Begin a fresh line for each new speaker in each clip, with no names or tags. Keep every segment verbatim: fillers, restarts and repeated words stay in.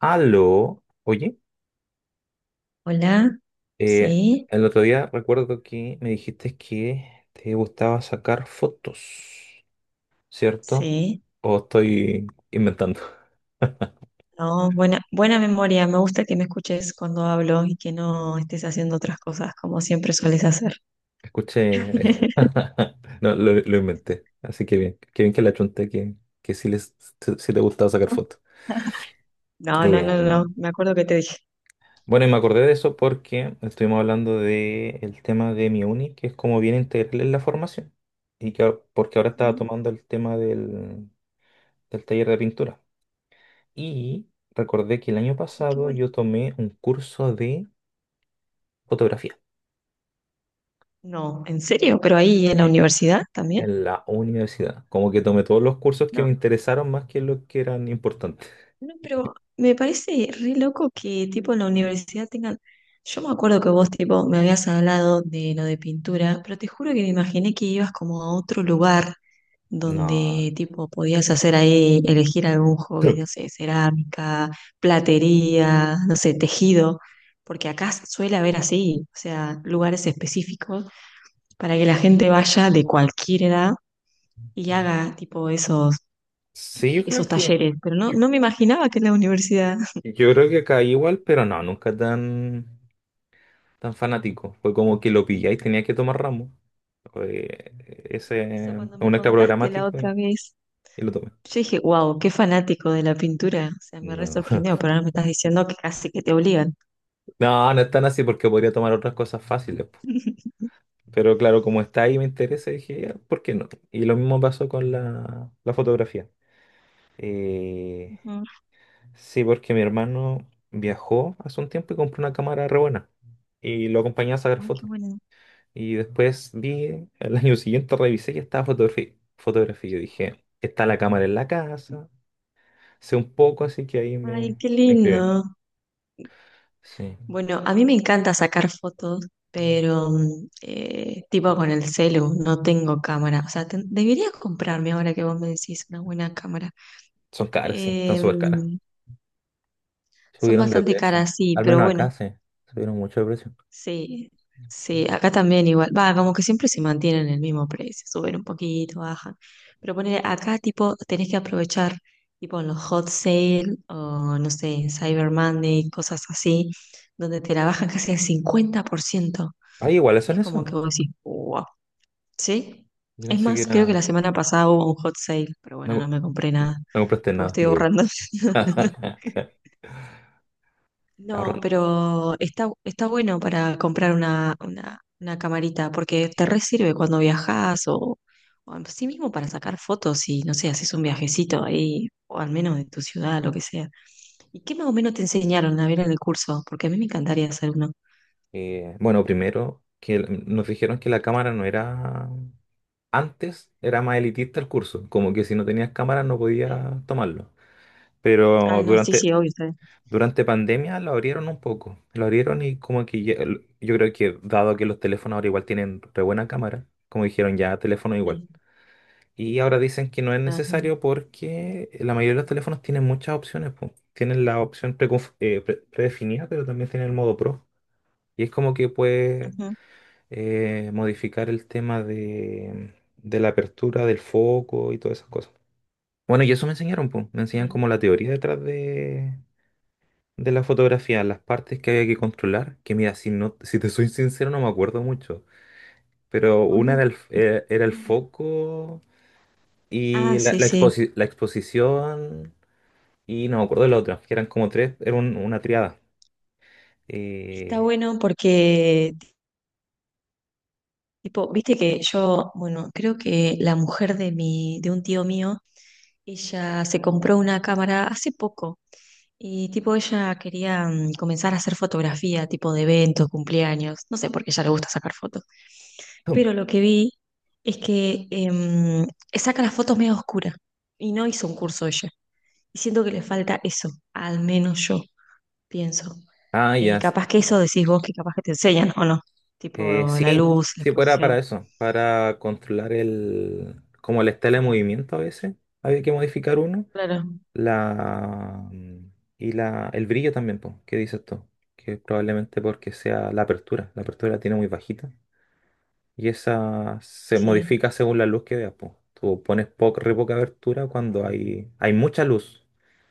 Aló, oye,
Hola,
eh,
sí,
el otro día recuerdo que me dijiste que te gustaba sacar fotos, ¿cierto?
sí.
¿O estoy inventando?
No, buena, buena memoria. Me gusta que me escuches cuando hablo y que no estés haciendo otras cosas como siempre sueles hacer.
Escuché, no, lo, lo inventé, así que bien, qué bien que la chunté, que, que sí, les, sí te gustaba sacar fotos.
No, no,
Eh,
no, no. Me acuerdo que te dije.
bueno, y me acordé de eso porque estuvimos hablando de el tema de mi uni, que es como bien integral en la formación. Y que, a- porque ahora estaba
"Mm,
tomando el tema del, del taller de pintura. Y recordé que el año
Qué
pasado
bueno.
yo tomé un curso de fotografía
No, ¿en serio? ¿Pero ahí en la
eh,
universidad también?
en la universidad. Como que tomé todos los cursos que me interesaron más que los que eran importantes.
No, pero me parece re loco que tipo en la universidad tengan. Yo me acuerdo que vos tipo me habías hablado de lo de pintura, pero te juro que me imaginé que ibas como a otro lugar
No.
donde tipo podías hacer ahí, elegir algún hobby, no sé, cerámica, platería, no sé, tejido, porque acá suele haber así, o sea, lugares específicos para que la gente vaya de cualquier edad y haga tipo esos,
Sí, yo creo
esos
que...
talleres, pero no,
Yo
no me imaginaba que en la universidad.
yo creo que caí igual, pero no, nunca tan, tan fanático. Fue como que lo pillé y tenía que tomar ramo. Fue ese,
Por eso cuando me
un extra
contaste la
programático
otra
y,
vez,
y lo tomé.
yo dije, wow, qué fanático de la pintura. O sea, me re
No.
sorprendió, pero ahora me estás diciendo que casi que te obligan.
No, no es tan así porque podría tomar otras cosas fáciles. Pero claro, como está ahí me interesa, dije, "Ya, ¿por qué no? Y lo mismo pasó con la, la fotografía. Eh,
Ujú.
sí, porque mi hermano viajó hace un tiempo y compró una cámara re buena. Y lo acompañé a sacar
Ay, qué
fotos.
bueno.
Y después vi, el año siguiente revisé y estaba fotografía. Fotografía. Yo dije, está la cámara en la casa. Sé un poco, así que ahí
Ay,
me,
qué
me inscribí.
lindo.
Sí.
Bueno, a mí me encanta sacar fotos, pero mm, eh, tipo con el celu, no tengo cámara. O sea, ten- debería comprarme ahora que vos me decís una buena cámara.
Son caras, sí, están súper caras.
Em, son
Subieron de
bastante
precio.
caras, sí,
Al
pero
menos
bueno.
acá, sí. Subieron mucho de precio.
Sí, sí, acá también igual. Va, como que siempre se mantienen el mismo precio, suben un poquito, bajan. Pero poner acá tipo tenés que aprovechar tipo en los hot sale o no sé, en Cyber Monday, cosas así, donde te la bajan casi al cincuenta por ciento.
Ah, iguales
Y
son
es como
eso.
que vos decís, wow, ¿sí?
Yo
Es
pensé que
más, creo que
era...
la semana pasada hubo un hot sale, pero bueno, no
No,
me compré nada,
no compraste
porque
nada,
estoy
duro.
ahorrando. No,
Ahorran-
pero está, está bueno para comprar una, una, una camarita, porque te re sirve cuando viajas o, o en sí mismo para sacar fotos y, no sé, haces un viajecito ahí, o al menos de tu ciudad, lo que sea. ¿Y qué más o menos te enseñaron a ver en el curso? Porque a mí me encantaría hacer uno.
eh, bueno, primero, que el- nos dijeron que la cámara no era... Antes era más elitista el curso, como que si no tenías cámara no
Sí.
podías tomarlo. Pero
Ah, no, sí, sí,
durante,
obvio, está bien.
durante pandemia lo abrieron un poco. Lo abrieron y como que ya- yo creo que dado que los teléfonos ahora igual tienen re buena cámara, como dijeron ya, teléfono igual.
Sí.
Y ahora dicen que no es
Ajá.
necesario porque la mayoría de los teléfonos tienen muchas opciones. Po. Tienen la opción preconf- eh, pre- predefinida, pero también tienen el modo Pro. Y es como que puedes
Ujú.
eh, modificar el tema de, de la apertura, del foco y todas esas cosas. Bueno, y eso me enseñaron, po. Me enseñan
Bien.
como la teoría detrás de, de la fotografía, las partes que había que controlar. Que mira, si, no, si te soy sincero, no me acuerdo mucho. Pero una era el, f- era era el foco. Y
Ah,
la,
sí,
la,
sí.
exposi- la exposición, y no me acuerdo de la otra, que eran como tres, era un- una triada.
Está
Eh,
bueno porque tipo, viste que yo, bueno, creo que la mujer de mi, de un tío mío, ella se compró una cámara hace poco y tipo ella quería mm, comenzar a hacer fotografía, tipo de eventos, cumpleaños, no sé por qué a ella le gusta sacar fotos, pero lo que vi es que em, saca las fotos medio oscuras y no hizo un curso ella. Y siento que le falta eso, al menos yo pienso.
ah, ya.
Eh,
s-
capaz que eso decís vos que capaz que te enseñan o no, tipo
eh,
la
sí,
luz, la
sí, pues era para
exposición.
eso, para controlar el, como la estela de movimiento a veces. Había que modificar uno.
Claro.
La, mm, y la, el brillo también, pues, ¿qué dices tú? Que probablemente porque sea la apertura. La apertura la tiene muy bajita. Y esa se
Sí.
modifica según la luz que veas, po. Tú pones poca, re poca abertura cuando hay, hay mucha luz,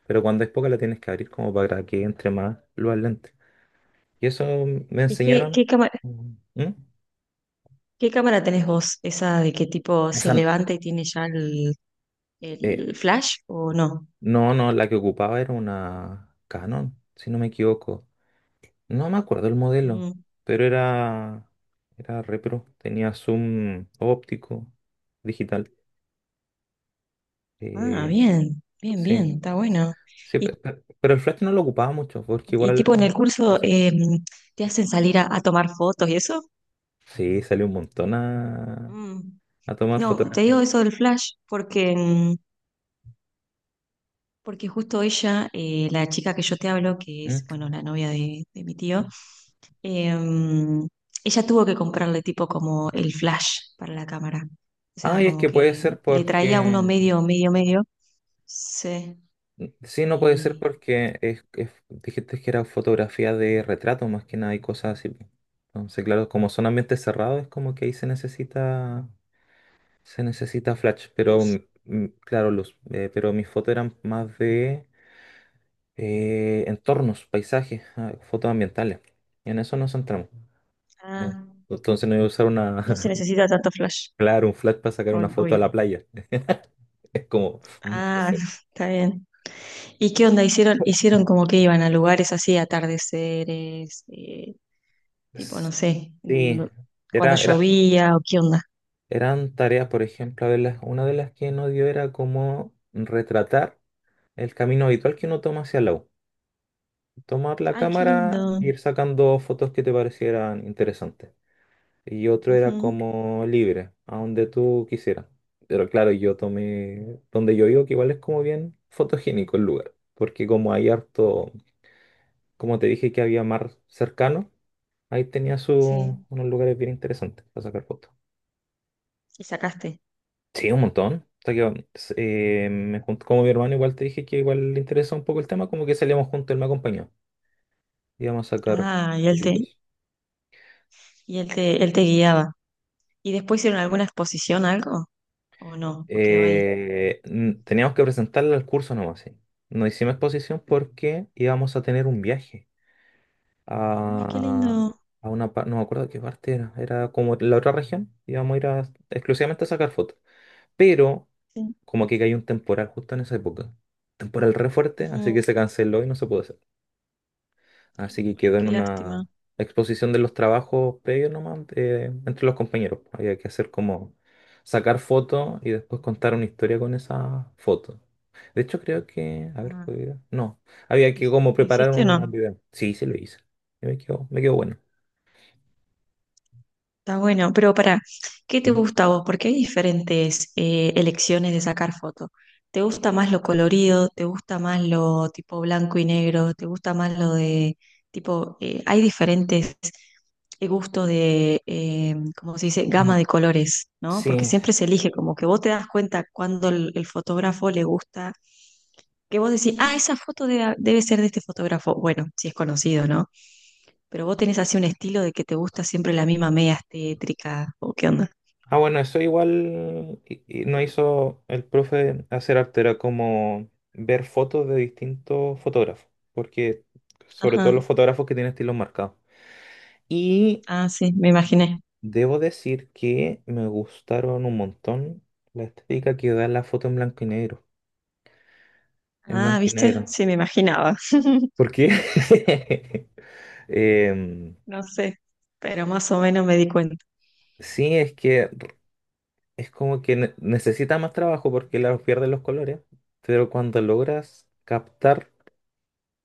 pero cuando hay poca la tienes que abrir como para que entre más luz al lente. Y eso me
¿Y qué,
enseñaron.
qué cámara,
¿Mm? ¿Mm?
qué cámara tenés vos? ¿Esa de que tipo
Esa,
se
n-
levanta y tiene ya el,
eh,
el flash o no?
no, no, la que ocupaba era una Canon, si no me equivoco. No me acuerdo el modelo,
Mm.
pero era, era repro, tenía zoom óptico, digital.
Ah,
Eh,
bien, bien, bien,
Sí,
está bueno.
sí,
¿Y,
pe- pe- pero el Flash no lo ocupaba mucho, porque
y
igual
tipo en el curso
así,
eh, te hacen salir a, a tomar fotos y eso?
sí, salió un montón a,
Mm.
a tomar
No, te
fotografías.
digo eso del flash porque mm, Porque justo ella, eh, la chica que yo te hablo, que es,
Mm.
bueno, la novia de, de mi tío, em, ella tuvo que comprarle tipo como el flash para la cámara. O sea,
Ay, es
como
que puede
que
ser
le traía uno
porque,
medio, medio, medio. Sí,
sí, no puede ser
y
porque es, es- dijiste que era fotografía de retrato más que nada y cosas así. Po. Entonces, claro, como son ambientes cerrados, es como que ahí se necesita, se necesita flash, pero
luz.
mm, claro, luz, eh, pero mis fotos eran más de eh, entornos, paisajes, ah, fotos ambientales. Y en eso nos centramos. ¿No?
Ah,
Entonces no voy a usar una,
no se necesita tanto flash,
claro, un flash para sacar una
ob-
foto a
obvio.
la playa. Es como, mm, no
Ah,
sé.
está bien. ¿Y qué onda? Hicieron, hicieron como que iban a lugares así, atardeceres, eh, tipo, no sé,
Sí,
no-
era,
cuando
era,
llovía o qué onda.
eran tareas, por ejemplo, a ver, las- una de las que nos dio era como retratar el camino habitual que uno toma hacia la U. Tomar la
Ay, qué
cámara
lindo.
e ir sacando fotos que te parecieran interesantes. Y otro era
Ujú,
como libre, a donde tú quisieras. Pero claro, yo tomé donde yo vivo, que igual es como bien fotogénico el lugar, porque como hay harto, como te dije que había mar cercano, ahí tenía su,
sí.
unos lugares bien interesantes para sacar fotos.
Y sacaste.
Sí, un montón. Hasta que, eh, me junto, como mi hermano igual te dije que igual le interesa un poco el tema, como que salíamos juntos, él me acompañó. Íbamos a sacar
Ah, y él te,
fotitos.
y él te, él te guiaba. ¿Y después hicieron alguna exposición, algo? ¿O no? ¿O quedó ahí?
Eh, n- teníamos que presentarla al curso nomás, sí. No hicimos exposición porque íbamos a tener un viaje
Ay, qué
a,
lindo.
a una parte, no me acuerdo qué parte era, era como la otra región, íbamos a ir a- exclusivamente a sacar fotos. Pero
Sí.
como que cayó un temporal justo en esa época, temporal re fuerte, así que
Ujú.
se canceló y no se pudo. Así que
Ay,
quedó en
qué lástima.
una exposición de los trabajos previos nomás eh, entre los compañeros. Había que hacer como sacar fotos y después contar una historia con esa foto. De hecho, creo que. A ver, fue
Ah,
video. No, había
¿lo
que
hic-
como
lo
preparar
hiciste o
un
no?
video. Sí, sí lo hice. Y me quedó, me quedó bueno.
Está bueno, pero para, ¿qué te
Mm.
gusta a vos? Porque hay diferentes eh, elecciones de sacar foto. ¿Te gusta más lo colorido? ¿Te gusta más lo tipo blanco y negro? ¿Te gusta más lo de tipo, eh, hay diferentes eh, gustos de, eh, ¿cómo se dice? Gama
Mm.
de colores, ¿no? Porque
Sí.
siempre se elige, como que vos te das cuenta cuando el, el fotógrafo le gusta, que vos decís, ah, esa foto debe, debe ser de este fotógrafo. Bueno, si es conocido, ¿no? Pero vos tenés así un estilo de que te gusta siempre la misma media tétrica, ¿o qué onda?
Ah, bueno, eso igual y- y no hizo el profe hacer arte, era como ver fotos de distintos fotógrafos, porque sobre todo los
Ajá.
fotógrafos que tienen estilos marcados. Y
Ah, sí, me imaginé.
debo decir que me gustaron un montón la estética que da la foto en blanco y negro. En
Ah,
blanco y
¿viste?
negro.
Sí, me imaginaba.
¿Por qué? Em,
No sé, pero más o menos me di cuenta.
sí, es que es como que ne- necesita más trabajo porque la pierden los colores, pero cuando logras captar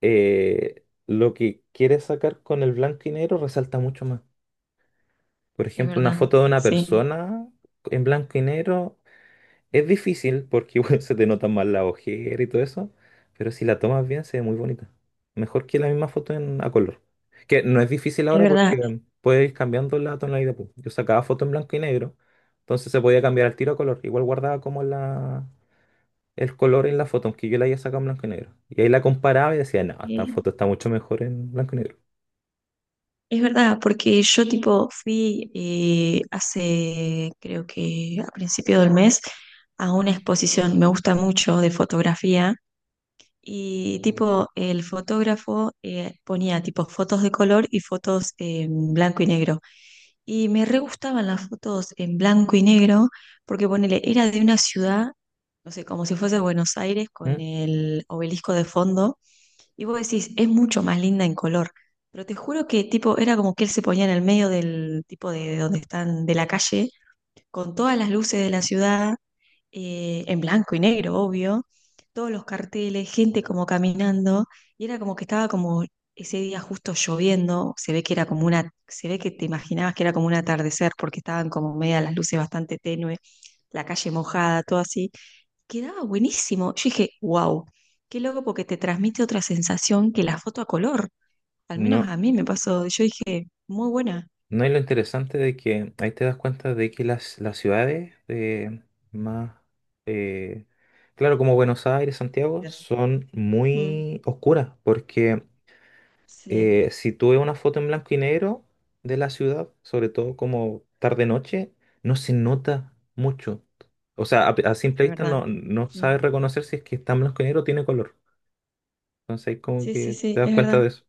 eh, lo que quieres sacar con el blanco y negro, resalta mucho más. Por
Es
ejemplo, una
verdad,
foto de una
sí,
persona en blanco y negro. Es difícil porque igual se te notan más la ojera y todo eso, pero si la tomas bien se ve muy bonita. Mejor que la misma foto en, a color. Que no es difícil
es
ahora
verdad.
porque em, puedes ir cambiando la tonalidad. Pues. Yo sacaba foto en blanco y negro, entonces se podía cambiar al tiro a color. Igual guardaba como la, el color en la foto, aunque yo la haya sacado en blanco y negro. Y ahí la comparaba y decía, no, esta
Eh,
foto está mucho mejor en blanco y negro.
es verdad, porque yo tipo fui eh, hace, creo que a principio del mes, a una exposición, me gusta mucho de fotografía. Y tipo, el fotógrafo eh, ponía tipo fotos de color y fotos en blanco y negro. Y me re gustaban las fotos en blanco y negro porque ponele, era de una ciudad, no sé, como si fuese Buenos Aires con
¿Mm?
el obelisco de fondo. Y vos decís, es mucho más linda en color. Pero te juro que tipo, era como que él se ponía en el medio del tipo de, de donde están, de la calle, con todas las luces de la ciudad eh, en blanco y negro, obvio, todos los carteles, gente como caminando, y era como que estaba como ese día justo lloviendo, se ve que era como una, se ve que te imaginabas que era como un atardecer, porque estaban como media las luces bastante tenue, la calle mojada, todo así, quedaba buenísimo. Yo dije, wow, qué loco porque te transmite otra sensación que la foto a color, al menos
No.
a mí me pasó, yo dije, muy buena.
No, y lo interesante de que ahí te das cuenta de que las, las ciudades eh, más, eh, claro, como Buenos Aires, Santiago,
Gracias.
son
Mm,
muy oscuras, porque
sí,
eh, si tú ves una foto en blanco y negro de la ciudad, sobre todo como tarde-noche, no se nota mucho. O sea, a, a simple
es
vista no,
verdad.
no
Sí,
sabes reconocer si es que está en blanco y negro o tiene color. Entonces ahí como
sí, sí,
que te
sí,
das
es
cuenta
verdad.
de eso.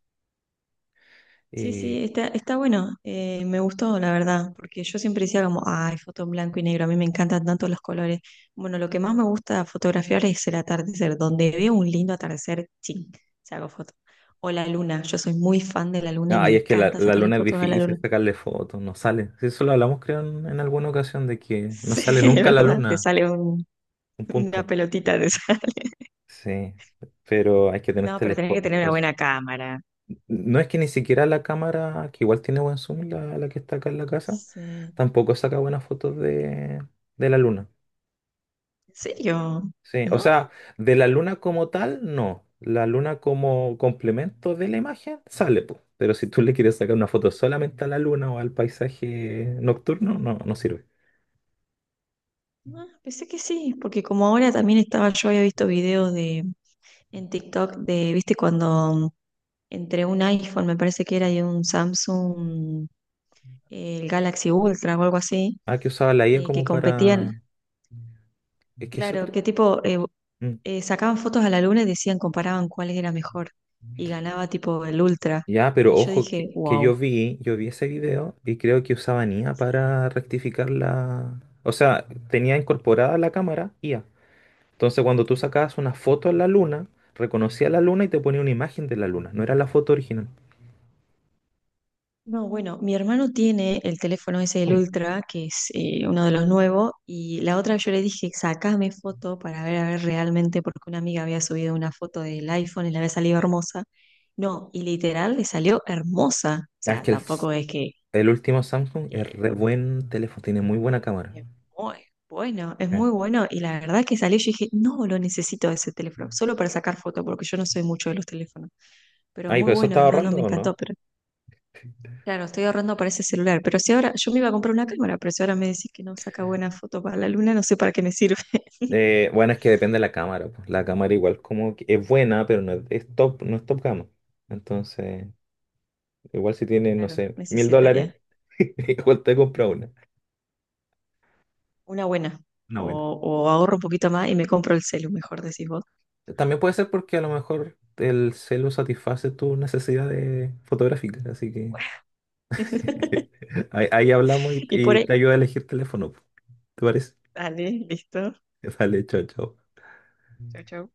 Sí,
Eh,
sí, está, está bueno. eh, me gustó, la verdad, porque yo siempre decía como, ay, foto en blanco y negro, a mí me encantan tanto los colores. Bueno, lo que más me gusta fotografiar es el atardecer, donde veo un lindo atardecer, ching, se hago foto. O la luna, yo soy muy fan de la luna y me
Ay, es que la,
encanta
la
sacarle
luna es
fotos a la luna.
difícil sacarle fotos, no sale. Sí, eso lo hablamos, creo, en, en alguna ocasión, de que no
Sí,
sale
es
nunca la
verdad, te
luna,
sale un-
un
una
punto.
pelotita, te sale.
Sí, pero hay que tener
No, pero tenés que
telescopios
tener una
para eso.
buena cámara.
No es que ni siquiera la cámara, que igual tiene buen zoom, la, la que está acá en la casa,
Sí.
tampoco saca buenas fotos de, de la luna.
¿En serio?
Sí, o sea,
¿No?
de la luna como tal, no. La luna como complemento de la imagen sale, pues. Pero si tú le quieres sacar una foto solamente a la luna o al paisaje nocturno, no, no sirve.
Ah, pensé que sí, porque como ahora también estaba, yo había visto videos de en TikTok de, viste, cuando entre un iPhone, me parece que era, y un Samsung, eh, el Galaxy Ultra o algo así,
Ah, que usaba la I A
eh, que
como para...
competían,
Es que eso...
claro,
cre-
que tipo, eh,
Mm.
eh, sacaban fotos a la luna y decían, comparaban cuál era mejor, y ganaba tipo el Ultra.
Ya, pero
Y yo
ojo, que,
dije,
que
wow.
yo vi, yo vi ese video y creo que usaban I A para rectificar la... O sea, tenía incorporada la cámara I A. Entonces cuando tú sacabas una foto en la luna, reconocía la luna y te ponía una imagen de la luna. No era la foto original.
No, bueno, mi hermano tiene el teléfono ese el
Mm.
Ultra, que es eh, uno de los nuevos, y la otra yo le dije, sacame foto para ver a ver realmente, porque una amiga había subido una foto del iPhone y le había salido hermosa. No, y literal le salió hermosa. O
Ah, es
sea,
que el, s-
tampoco es que
el último Samsung es
eh,
re buen teléfono, tiene muy buena cámara.
es muy bueno, es
Eh.
muy bueno. Y la verdad que salió, yo dije, no, lo necesito ese teléfono, solo para sacar foto, porque yo no soy mucho de los teléfonos. Pero
Ay,
muy
pero eso
bueno,
estaba
no, no
ahorrando
me
o
encantó,
no?
pero claro, estoy ahorrando para ese celular, pero si ahora yo me iba a comprar una cámara, pero si ahora me decís que no saca buenas fotos para la luna, no sé para qué me sirve.
Eh, bueno, es que depende de la cámara. Pues. La cámara igual como que es buena, pero no es, es top, no es top gama. Entonces, igual si tienes, no
Claro,
sé, mil
necesitaría
dólares, igual te compra una.
una buena.
No,
O,
bueno.
o ahorro un poquito más y me compro el celu, mejor decís vos.
También puede ser porque a lo mejor el celu satisface tus necesidades fotográficas. Así que ahí, ahí hablamos y,
Y por
y
ahí,
te ayuda a elegir teléfono. Pues. ¿Te parece?
dale, listo.
Vale, chao, chao.
Chau, chau.